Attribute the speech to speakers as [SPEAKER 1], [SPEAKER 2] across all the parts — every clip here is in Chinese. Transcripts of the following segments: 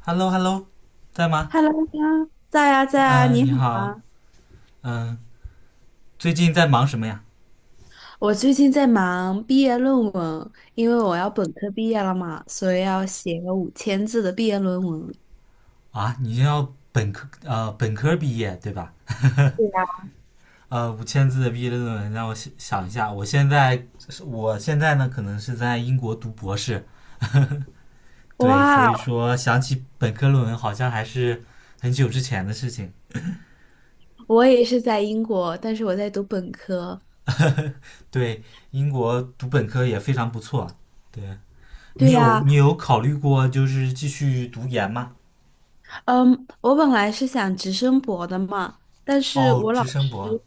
[SPEAKER 1] Hello Hello，在吗？
[SPEAKER 2] Hello 呀，在呀在呀，你
[SPEAKER 1] 你
[SPEAKER 2] 好
[SPEAKER 1] 好，
[SPEAKER 2] 啊！
[SPEAKER 1] 嗯、最近在忙什么呀？
[SPEAKER 2] 我最近在忙毕业论文，因为我要本科毕业了嘛，所以要写个5000字的毕业论文。
[SPEAKER 1] 啊，你要本科本科毕业对吧？
[SPEAKER 2] 对呀，
[SPEAKER 1] 呃，五千字的毕业论文，让我想想一下。我现在呢，可能是在英国读博士，对，所
[SPEAKER 2] 哇，
[SPEAKER 1] 以说想起本科论文，好像还是很久之前的事情。
[SPEAKER 2] 我也是在英国，但是我在读本科。
[SPEAKER 1] 对，英国读本科也非常不错。对你
[SPEAKER 2] 对
[SPEAKER 1] 有
[SPEAKER 2] 呀，
[SPEAKER 1] 你有考虑过就是继续读研吗？
[SPEAKER 2] 嗯，我本来是想直升博的嘛，但是
[SPEAKER 1] 哦，
[SPEAKER 2] 我老
[SPEAKER 1] 直升
[SPEAKER 2] 师，
[SPEAKER 1] 博，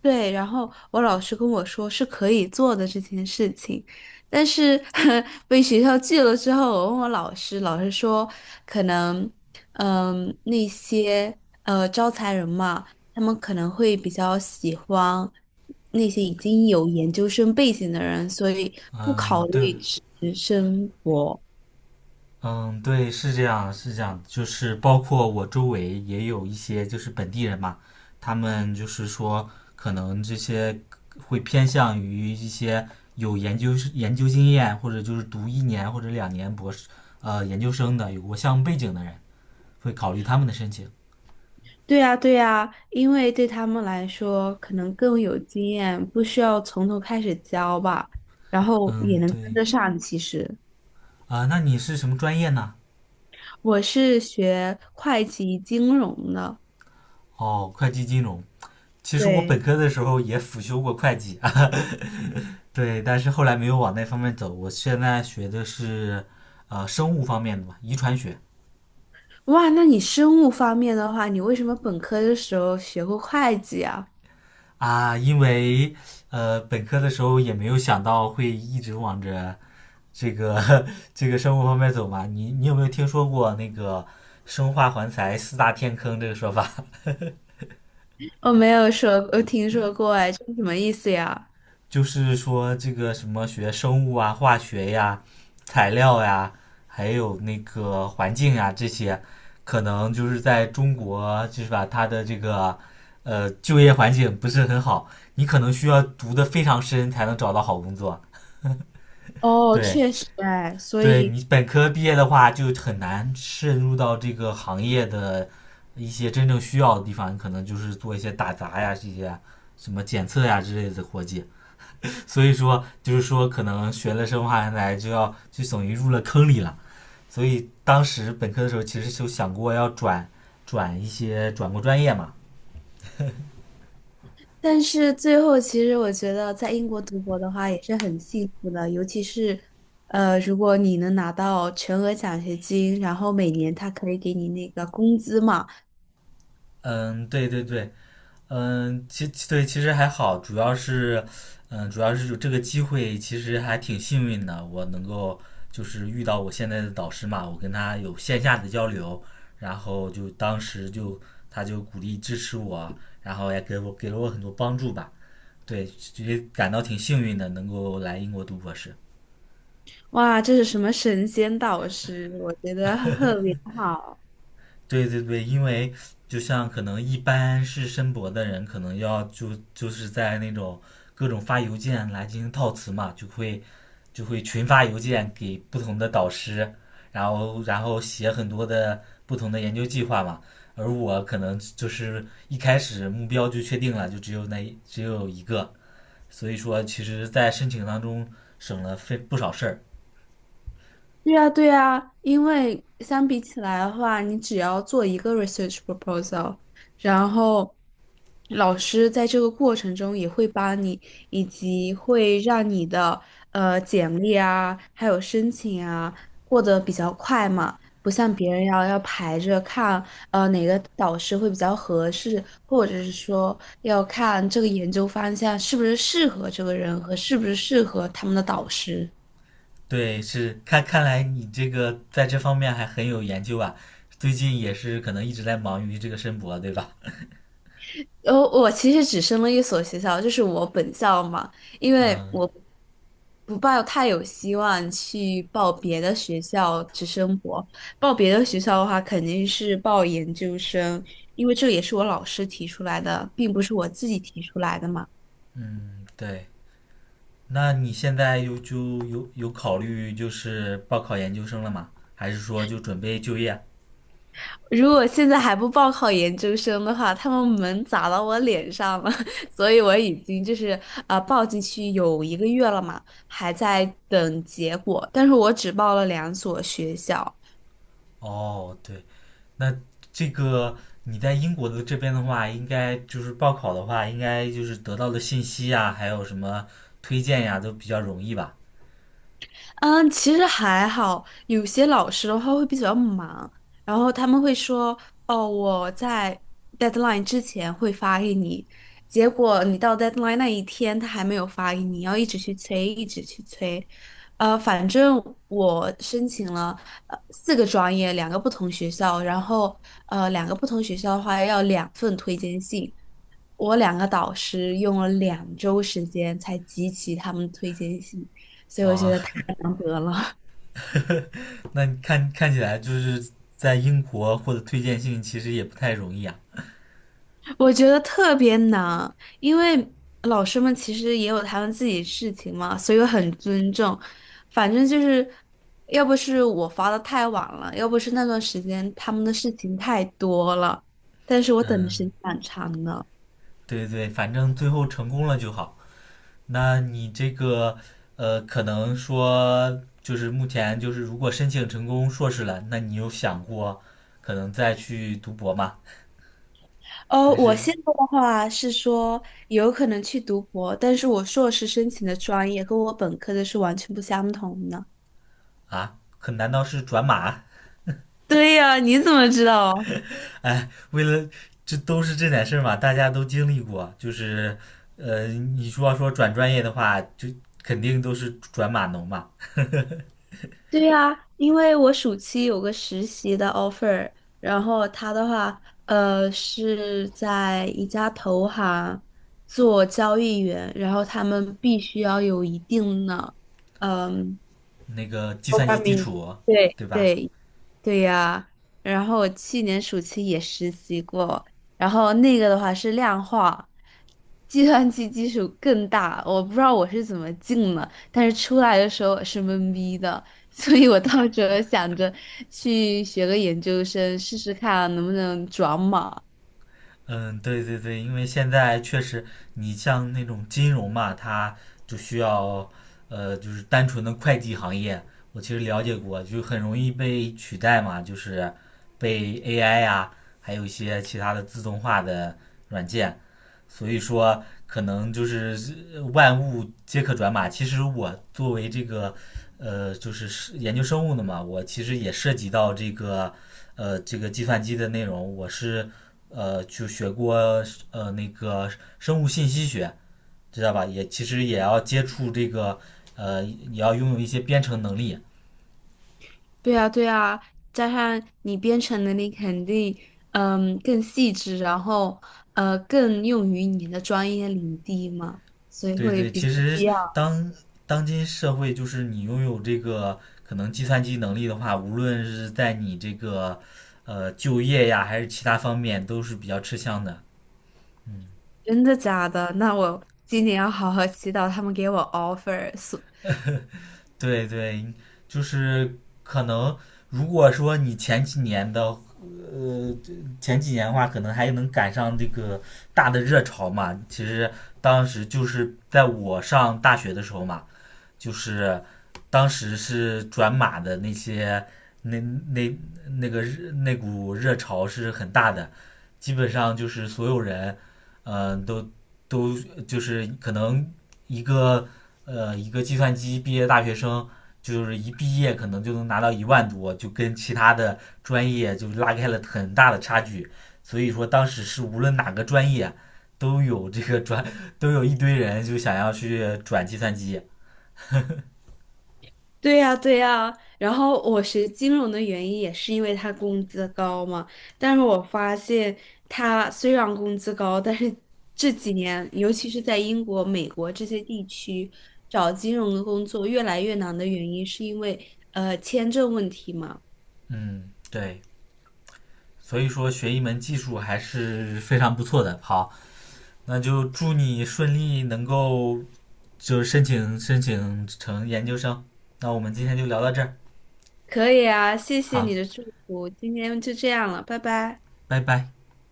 [SPEAKER 2] 对，然后我老师跟我说是可以做的这件事情，但是 被学校拒了之后，我问我老师，老师说可能，嗯，那些招财人嘛，他们可能会比较喜欢那些已经有研究生背景的人，所以不
[SPEAKER 1] 嗯，
[SPEAKER 2] 考
[SPEAKER 1] 对，
[SPEAKER 2] 虑直升博。
[SPEAKER 1] 嗯，对，是这样，是这样，就是包括我周围也有一些就是本地人嘛，他们就是说可能这些会偏向于一些有研究经验，或者就是读一年或者两年博士研究生的，有过项目背景的人，会考虑他们的申请。
[SPEAKER 2] 对呀，对呀，因为对他们来说可能更有经验，不需要从头开始教吧，然后也
[SPEAKER 1] 嗯，
[SPEAKER 2] 能跟
[SPEAKER 1] 对，
[SPEAKER 2] 得上。其实
[SPEAKER 1] 啊、那你是什么专业呢？
[SPEAKER 2] 我是学会计金融的，
[SPEAKER 1] 哦，会计金融。其实我本
[SPEAKER 2] 对，
[SPEAKER 1] 科的时候也辅修过会计，对，但是后来没有往那方面走。我现在学的是生物方面的嘛，遗传学
[SPEAKER 2] 哇，那你生物方面的话，你为什么本科的时候学过会计啊？
[SPEAKER 1] 啊，因为本科的时候也没有想到会一直往着这个 这个生物方面走嘛。你有没有听说过那个生化环材四大天坑这个说法？
[SPEAKER 2] 我没有说，我听说过，哎，这是什么意思呀？
[SPEAKER 1] 就是说这个什么学生物啊、化学呀、材料呀，还有那个环境呀这些，可能就是在中国就是把它的这个就业环境不是很好，你可能需要读的非常深才能找到好工作。
[SPEAKER 2] 哦，
[SPEAKER 1] 对，
[SPEAKER 2] 确实哎，所
[SPEAKER 1] 对你
[SPEAKER 2] 以
[SPEAKER 1] 本科毕业的话，就很难渗入到这个行业的一些真正需要的地方，你可能就是做一些打杂呀、这些什么检测呀之类的活计。所以说就是说可能学了生化人来就要就等于入了坑里了。所以当时本科的时候其实就想过要转转一些转过专业嘛。
[SPEAKER 2] 但是最后，其实我觉得在英国读博的话也是很幸福的，尤其是，如果你能拿到全额奖学金，然后每年他可以给你那个工资嘛，
[SPEAKER 1] 嗯，对对对，其实还好，主要是主要是有这个机会其实还挺幸运的，我能够就是遇到我现在的导师嘛，我跟他有线下的交流，然后就当时就他就鼓励支持我，然后也给我给了我很多帮助吧。对，也感到挺幸运的，能够来英国读博士。
[SPEAKER 2] 哇，这是什么神仙导师，我觉得 特别好。
[SPEAKER 1] 对对对，因为就像可能一般是申博的人，可能要是在那种各种发邮件来进行套词嘛，就会群发邮件给不同的导师，然后写很多的不同的研究计划嘛。而我可能就是一开始目标就确定了，就只有那只有一个，所以说其实在申请当中省了非不少事儿。
[SPEAKER 2] 对呀，对呀，因为相比起来的话，你只要做一个 research proposal，然后老师在这个过程中也会帮你，以及会让你的简历啊，还有申请啊过得比较快嘛，不像别人要排着看，哪个导师会比较合适，或者是说要看这个研究方向是不是适合这个人和是不是适合他们的导师。
[SPEAKER 1] 对，是看来你这个在这方面还很有研究啊。最近也是可能一直在忙于这个申博，对吧？
[SPEAKER 2] 然后我其实只升了一所学校，就是我本校嘛，因为
[SPEAKER 1] 嗯
[SPEAKER 2] 我不抱太有希望去报别的学校去生活。报别的学校的话，肯定是报研究生，因为这也是我老师提出来的，并不是我自己提出来的嘛。
[SPEAKER 1] 嗯，对。那你现在有考虑就是报考研究生了吗？还是说就准备就业啊？
[SPEAKER 2] 如果现在还不报考研究生的话，他们门砸到我脸上了，所以我已经就是报进去有1个月了嘛，还在等结果，但是我只报了2所学校。
[SPEAKER 1] 哦，对，那这个你在英国的这边的话，应该就是报考的话，应该就是得到的信息呀，还有什么推荐呀，都比较容易吧？
[SPEAKER 2] 嗯，其实还好，有些老师的话会比较忙，然后他们会说，哦，我在 deadline 之前会发给你，结果你到 deadline 那一天他还没有发给你，要一直去催，一直去催。反正我申请了四个专业，两个不同学校，然后两个不同学校的话要2份推荐信，我两个导师用了2周时间才集齐他们的推荐信，所以我觉
[SPEAKER 1] 啊，
[SPEAKER 2] 得太难得了。
[SPEAKER 1] 那你看起来就是在英国获得推荐信其实也不太容易啊。
[SPEAKER 2] 我觉得特别难，因为老师们其实也有他们自己事情嘛，所以我很尊重。反正就是，要不是我发的太晚了，要不是那段时间他们的事情太多了，但是我等的时
[SPEAKER 1] 嗯，
[SPEAKER 2] 间蛮长的。
[SPEAKER 1] 对对，反正最后成功了就好。那你这个可能说就是目前就是如果申请成功硕士了，那你有想过可能再去读博吗？还
[SPEAKER 2] 我
[SPEAKER 1] 是
[SPEAKER 2] 现在的话是说有可能去读博，但是我硕士申请的专业和我本科的是完全不相同的。
[SPEAKER 1] 啊？可难道是转码？
[SPEAKER 2] 对呀，你怎么知道？
[SPEAKER 1] 哎，为了这都是这点事儿嘛，大家都经历过。就是呃，你说要说转专业的话，就肯定都是转码农嘛。
[SPEAKER 2] 对呀，因为我暑期有个实习的 offer，然后他的话，是在一家投行做交易员，然后他们必须要有一定的，嗯。
[SPEAKER 1] 那个计
[SPEAKER 2] 多
[SPEAKER 1] 算
[SPEAKER 2] 巴
[SPEAKER 1] 机基
[SPEAKER 2] 明，
[SPEAKER 1] 础，
[SPEAKER 2] 对
[SPEAKER 1] 对吧？
[SPEAKER 2] 对对呀、然后我去年暑期也实习过，然后那个的话是量化，计算机基础更大，我不知道我是怎么进的，但是出来的时候是懵逼的，所以我到时候想着去学个研究生试试看啊能不能转码。
[SPEAKER 1] 嗯，对对对，因为现在确实，你像那种金融嘛，它就需要，呃，就是单纯的会计行业，我其实了解过，就很容易被取代嘛，就是被 AI 呀、还有一些其他的自动化的软件所以说，可能就是万物皆可转码。其实我作为这个，呃，就是是研究生物的嘛，我其实也涉及到这个，呃，这个计算机的内容。我是，呃，就学过那个生物信息学，知道吧？也其实也要接触这个，呃，也要拥有一些编程能力。
[SPEAKER 2] 对啊，对啊，加上你编程能力肯定，嗯，更细致，然后更用于你的专业领地嘛，所以
[SPEAKER 1] 对
[SPEAKER 2] 会
[SPEAKER 1] 对，
[SPEAKER 2] 比较
[SPEAKER 1] 其
[SPEAKER 2] 不一
[SPEAKER 1] 实
[SPEAKER 2] 样。
[SPEAKER 1] 当当今社会，就是你拥有这个可能计算机能力的话，无论是在你这个就业呀，还是其他方面，都是比较吃香的。
[SPEAKER 2] 真的假的？那我今年要好好祈祷他们给我 offer。
[SPEAKER 1] 对对，就是可能如果说你呃前几年的话，可能还能赶上这个大的热潮嘛。其实当时就是在我上大学的时候嘛，就是当时是转码的那那那个那股热潮是很大的，基本上就是所有人，嗯、呃都都就是可能一个一个计算机毕业大学生，就是一毕业可能就能拿到1万多，就跟其他的专业就拉开了很大的差距。所以说当时是无论哪个专业都有这个转，都有一堆人就想要去转计算机。
[SPEAKER 2] 对呀，对呀，然后我学金融的原因也是因为他工资高嘛，但是我发现他虽然工资高，但是这几年，尤其是在英国、美国这些地区，找金融的工作越来越难的原因，是因为签证问题嘛。
[SPEAKER 1] 嗯，对，所以说学一门技术还是非常不错的。好，那就祝你顺利能够就是申请成研究生。那我们今天就聊到这儿，
[SPEAKER 2] 可以啊，谢谢
[SPEAKER 1] 好，
[SPEAKER 2] 你的祝福，今天就这样了，拜拜。
[SPEAKER 1] 拜拜。